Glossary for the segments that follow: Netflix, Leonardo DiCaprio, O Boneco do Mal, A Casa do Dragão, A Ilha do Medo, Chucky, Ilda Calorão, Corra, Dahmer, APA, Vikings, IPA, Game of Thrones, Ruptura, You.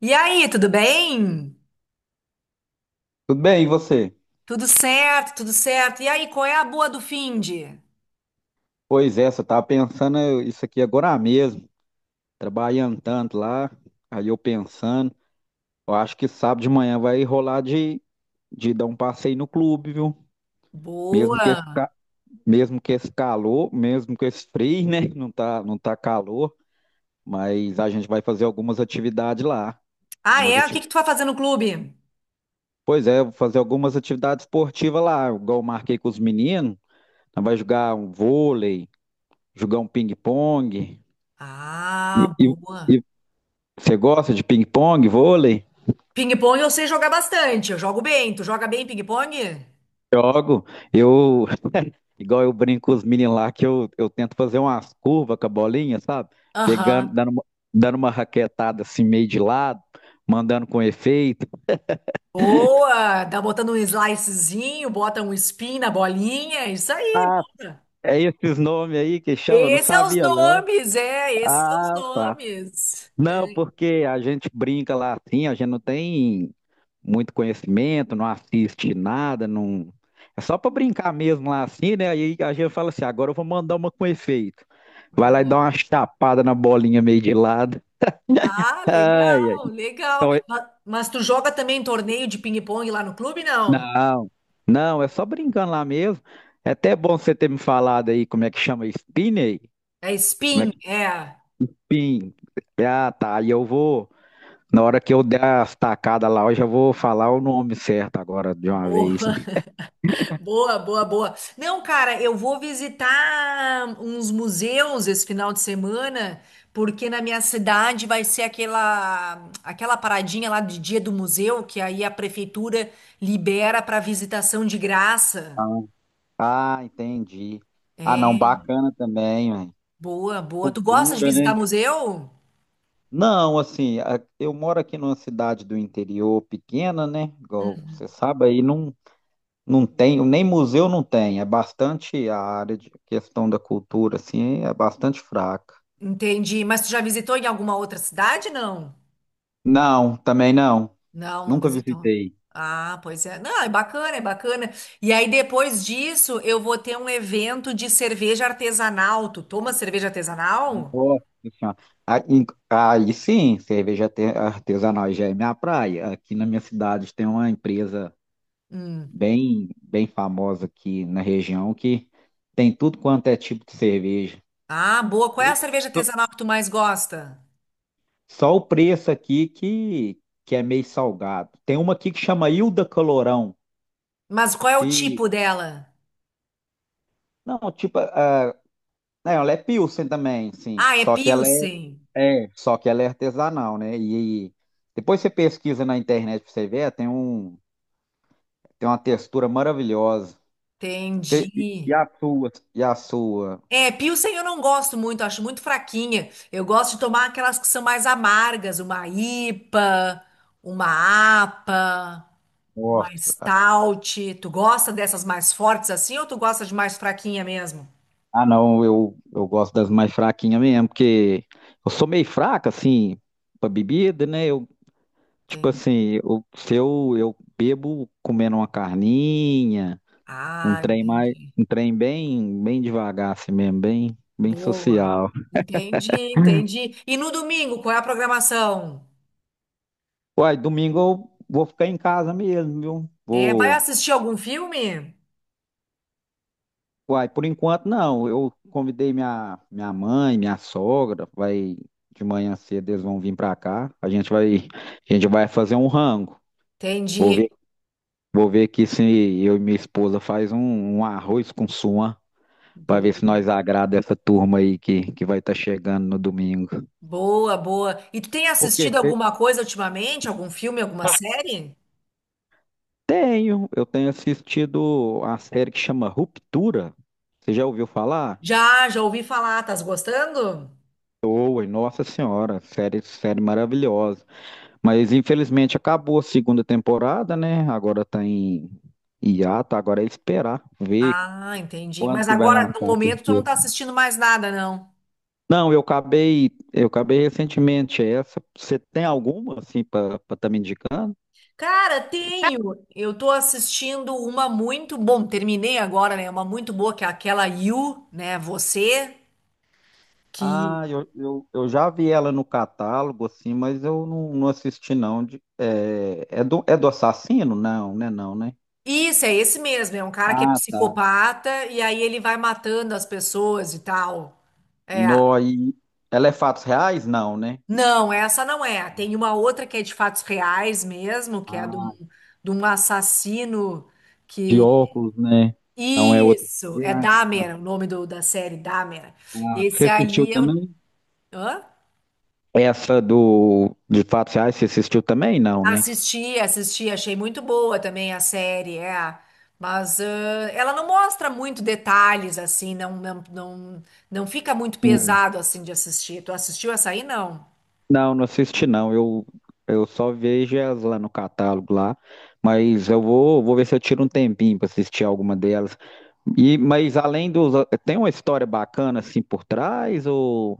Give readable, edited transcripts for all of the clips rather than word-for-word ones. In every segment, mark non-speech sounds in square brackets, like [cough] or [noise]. E aí, tudo bem? Tudo bem, e você? Tudo certo, tudo certo. E aí, qual é a boa do finde? Pois é, eu estava pensando isso aqui agora mesmo, trabalhando tanto lá, aí eu pensando, eu acho que sábado de manhã vai rolar de dar um passeio no clube, viu? Mesmo que esse, Boa. ca- mesmo que esse calor, mesmo que esse frio, né? [laughs] Não tá, não tá calor, mas a gente vai fazer algumas atividades lá. Ah, Algumas é? O que ativi- que tu vai fazer no clube? Pois é, eu vou fazer algumas atividades esportivas lá, igual eu marquei com os meninos, nós vai jogar um vôlei, jogar um ping-pong. E, Ah, boa. e Você gosta de ping-pong, vôlei? Ping-pong eu sei jogar bastante. Eu jogo bem. Tu joga bem ping-pong? Jogo. Eu, igual eu brinco com os meninos lá, que eu tento fazer umas curvas com a bolinha, sabe? Pegando, Aham. dando uma raquetada assim, meio de lado, mandando com efeito. Boa. Dá botando um slicezinho, bota um spin na bolinha. Isso aí. Boa. É esses nomes aí que chama, eu não Esses são os sabia não. nomes, é. Esses são os Ah, tá. nomes. É, Não, porque a gente brinca lá assim, a gente não tem muito conhecimento, não assiste nada, não. É só para brincar mesmo lá assim, né? Aí a gente fala assim, agora eu vou mandar uma com efeito. Vai lá e dá boa. uma chapada na bolinha meio de lado. Ah, Ai, ai. legal, legal. Então, Mas, tu joga também torneio de ping-pong lá no clube, não? não, não, é só brincando lá mesmo. É até bom você ter me falado aí como é que chama spin aí. É Como é spin, que é. spin? Ah, tá. Aí eu vou, na hora que eu der as tacadas lá, eu já vou falar o nome certo agora de uma vez. Boa, [laughs] boa, boa, boa. Não, cara, eu vou visitar uns museus esse final de semana, porque na minha cidade vai ser aquela paradinha lá de dia do museu, que aí a prefeitura libera para visitação de graça. Ah, entendi. Ah, não, bacana também, velho. Boa, boa. Tu gosta de Cultura, visitar né? museu? Não, assim, eu moro aqui numa cidade do interior pequena, né? Igual você sabe, aí não, não tem, nem museu não tem. É bastante a área de questão da cultura, assim, é bastante fraca. Entendi. Mas tu já visitou em alguma outra cidade, não? Não, também não. Não, não Nunca visitou. visitei. Ah, pois é. Não, é bacana, é bacana. E aí, depois disso, eu vou ter um evento de cerveja artesanal. Tu toma cerveja artesanal? Nossa Senhora. Ah, Aí sim, cerveja artesanal já é minha praia. Aqui na minha cidade tem uma empresa, Hum. bem, bem famosa aqui na região, que tem tudo quanto é tipo de cerveja. Ah, boa. Qual é Só a cerveja só artesanal que tu mais gosta? só o preço aqui que é meio salgado. Tem uma aqui que chama Ilda Calorão. Mas qual é o Se, tipo dela? não, tipo, não, ela é Pilsen também, sim. Ah, é Pilsen. Só que ela é artesanal, né? E depois você pesquisa na internet pra você ver, tem uma textura maravilhosa. Você- Entendi. e a sua? E a sua? É, Pilsen eu não gosto muito, acho muito fraquinha. Eu gosto de tomar aquelas que são mais amargas, uma IPA, uma APA. Mais Nossa, stout. Tu gosta dessas mais fortes assim ou tu gosta de mais fraquinha mesmo? Ah, não, eu gosto das mais fraquinhas mesmo, porque eu sou meio fraca, assim, pra bebida, né? Tipo Entendi. assim, se eu bebo comendo uma carninha, Ah, entendi. um trem bem, bem devagar, assim mesmo, bem, bem Boa. social. Entendi, entendi. E no domingo, qual é a programação? Uai, domingo eu vou ficar em casa mesmo, viu? É, vai Vou. assistir algum filme? Uai, por enquanto não. Eu convidei minha mãe, minha sogra, vai de manhã cedo, eles vão vir pra cá. A gente vai fazer um rango. Vou Entendi. ver Vou ver aqui se eu e minha esposa faz um arroz com suã para ver se Boa, nós agrada essa turma aí que vai estar chegando no domingo. boa, boa. E tu tem Por quê? assistido alguma coisa ultimamente? Algum filme, alguma série? Eu tenho assistido a série que chama Ruptura. Você já ouviu falar? Já, já ouvi falar. Tás gostando? Oi, nossa senhora, série maravilhosa. Mas infelizmente acabou a segunda temporada, né? Agora tá em hiato, agora é esperar ver Ah, entendi. quando Mas que vai agora, no lançar a momento, tu não terceira. tá assistindo mais nada, não. Não, eu acabei recentemente essa. Você tem alguma assim para estar me indicando? Cara, tenho. Eu tô assistindo uma muito bom, terminei agora, né? Uma muito boa que é aquela You, né? Você que Ah, eu já vi ela no catálogo, assim, mas eu não assisti, não. É do assassino? Não, né? Não, né? Isso é esse mesmo, é um cara que é Ah, tá. psicopata e aí ele vai matando as pessoas e tal. É. No, e ela é fatos reais? Não, né? Não, essa não é. Tem uma outra que é de fatos reais mesmo, que é Ah, de um assassino de que óculos, né? Então é outra. Isso, é Ah, então. Dahmer, o nome do, da série Dahmer. Ah, Esse você assistiu aí eu também? Hã? Essa do de fatos reais você assistiu também? Não, né? Assisti, assisti, achei muito boa também a série, é. Mas ela não mostra muito detalhes, assim, não, não, não, não fica muito pesado, assim, de assistir. Tu assistiu essa aí, não? Não, não assisti não. Eu só vejo elas lá no catálogo lá, mas eu vou ver se eu tiro um tempinho para assistir alguma delas. Mas além dos, tem uma história bacana assim por trás ou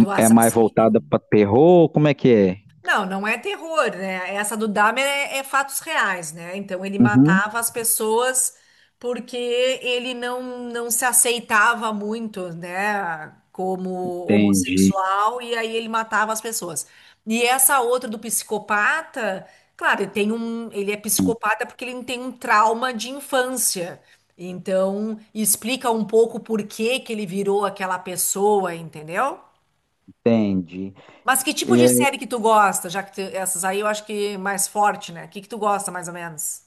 Do é mais assassino? voltada para terror? Como é que é? Não, não é terror, né? Essa do Dahmer é, é fatos reais, né? Então ele Uhum. matava as pessoas porque ele não, não se aceitava muito, né? Como Entendi, homossexual, e aí ele matava as pessoas. E essa outra do psicopata, claro, ele é psicopata porque ele tem um trauma de infância. Então, explica um pouco por que que ele virou aquela pessoa, entendeu? entendi. Mas que tipo de série que tu gosta? Já que essas aí eu acho que mais forte, né? O que que tu gosta, mais ou menos?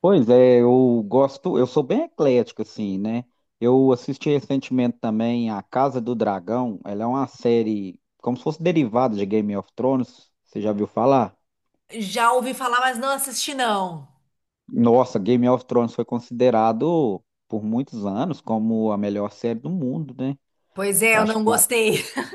Pois é, eu sou bem eclético, assim, né? Eu assisti recentemente também A Casa do Dragão, ela é uma série como se fosse derivada de Game of Thrones, você já viu falar? Já ouvi falar, mas não assisti, não. Nossa, Game of Thrones foi considerado por muitos anos como a melhor série do mundo, né? Pois é, eu Acho que não vai. gostei. [laughs]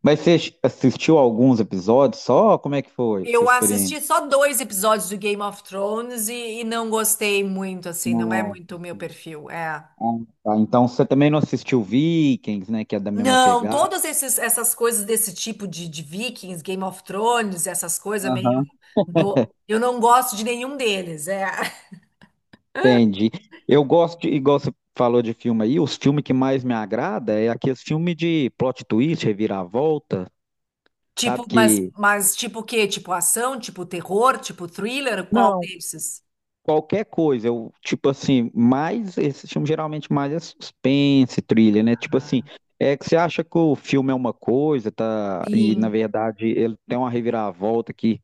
Mas você assistiu alguns episódios só? Como é que foi sua Eu experiência? assisti só dois episódios do Game of Thrones e não gostei muito, assim, não é Nossa. muito o meu perfil, é. Ah, tá. Então você também não assistiu Vikings, né? Que é da mesma Não, pegada. todas essas coisas desse tipo de Vikings, Game of Thrones, essas coisas meio. Aham. Eu não gosto de nenhum deles, é. [laughs] Entendi. Eu gosto, igual você falou de filme aí, os filmes que mais me agrada é aqueles filmes de plot twist, reviravolta, Tipo, sabe? Que mas tipo o quê? Tipo ação, tipo terror, tipo thriller? Qual não, desses? qualquer coisa, tipo assim, mais, esse filme geralmente mais é suspense, trilha, né? Tipo assim, é que você acha que o filme é uma coisa, tá? E na Sim. verdade ele tem uma reviravolta que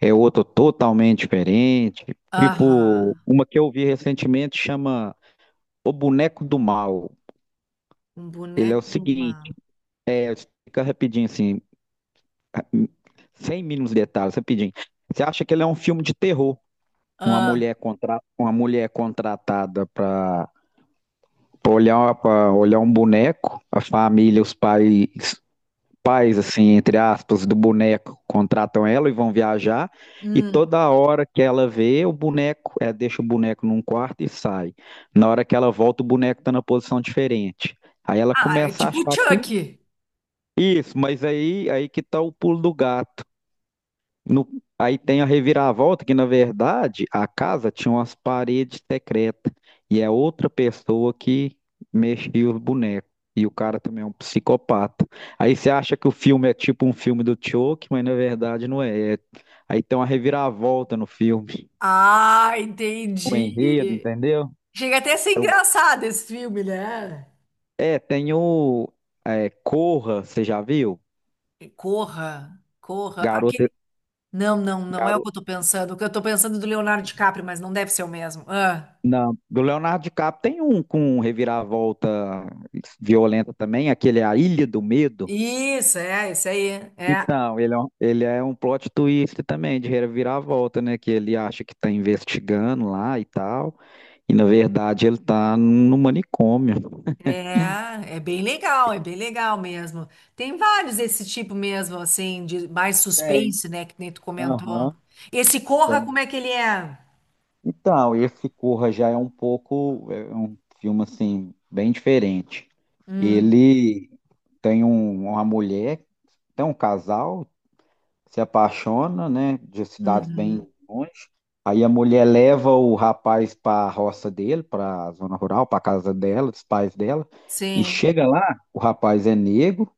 é outro totalmente diferente. Tipo, Aham. uma que eu vi recentemente chama O Boneco do Mal. Um Ele é o boneco do seguinte. mal. Fica rapidinho, assim, sem mínimos detalhes, rapidinho. Você acha que ele é um filme de terror? Uma Ah, mulher, contra... uma mulher contratada para pra olhar um boneco, a família, os pais, assim, entre aspas, do boneco contratam ela e vão viajar, e hum. toda hora que ela vê o boneco, deixa o boneco num quarto e sai. Na hora que ela volta, o boneco está na posição diferente. Aí ela Ah, é começa a tipo o achar que. Chucky. Isso, mas aí que tá o pulo do gato. No- aí tem a reviravolta, que na verdade a casa tinha umas paredes secretas. E é outra pessoa que mexia os bonecos. E o cara também é um psicopata. Aí você acha que o filme é tipo um filme do Chuck, mas na verdade não é. Aí tem uma reviravolta no filme. Ah, O entendi. enredo, entendeu? Chega até a ser Eu- engraçado esse filme, né? É, tem o Corra, você já viu? Corra, corra. Aquele... Garota, Não, não, não é o que eu tô pensando. O que eu tô pensando é do Leonardo DiCaprio, mas não deve ser o mesmo. Ah, Não, do Leonardo DiCaprio tem um com reviravolta violenta também, aquele é A Ilha do Medo. isso, é, isso aí. É. Então, ele é um plot twist também, de reviravolta, né? Que ele acha que tá investigando lá e tal, e na verdade ele tá no manicômio. É, é bem legal mesmo. Tem vários desse tipo mesmo, assim, de mais Tem, suspense, né, que nem tu comentou. aham, Esse Corra, tem. como é que ele é? Então, esse Corra já é um filme assim, bem diferente. Hum, Ele tem uma mulher, tem um casal, se apaixona, né, de cidades bem uhum, longe. Aí a mulher leva o rapaz para a roça dele, para a zona rural, para a casa dela, dos pais dela, e sim. chega lá, o rapaz é negro,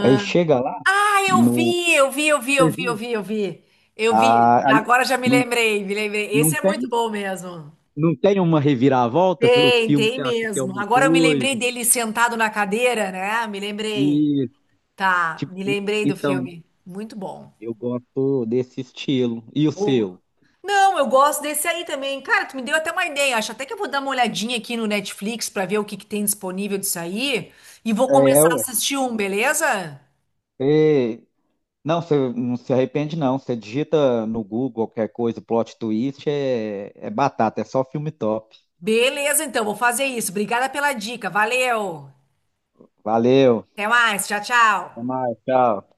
aí chega lá Ah, eu no vi, eu vi, eu vi, eu Você vi, eu viu? vi, eu vi. Eu vi. Ah, aí Agora já me não, lembrei, me lembrei. Esse não é muito tem bom mesmo. não tem uma reviravolta, o Tem, filme tem você acha que é mesmo. uma Agora eu me lembrei coisa dele sentado na cadeira, né? Me lembrei. e Tá, tipo, me lembrei do então filme. Muito bom. eu gosto desse estilo. E o Boa. seu? Não, eu gosto desse aí também. Cara, tu me deu até uma ideia. Acho até que eu vou dar uma olhadinha aqui no Netflix pra ver o que que tem disponível disso aí e vou É, começar a ué. assistir um, beleza? É, Não, você não se arrepende, não. Você digita no Google qualquer coisa, plot twist, é batata, é só filme top. Beleza, então, vou fazer isso. Obrigada pela dica. Valeu. Valeu, Até mais. Tchau, até tchau. mais, tchau.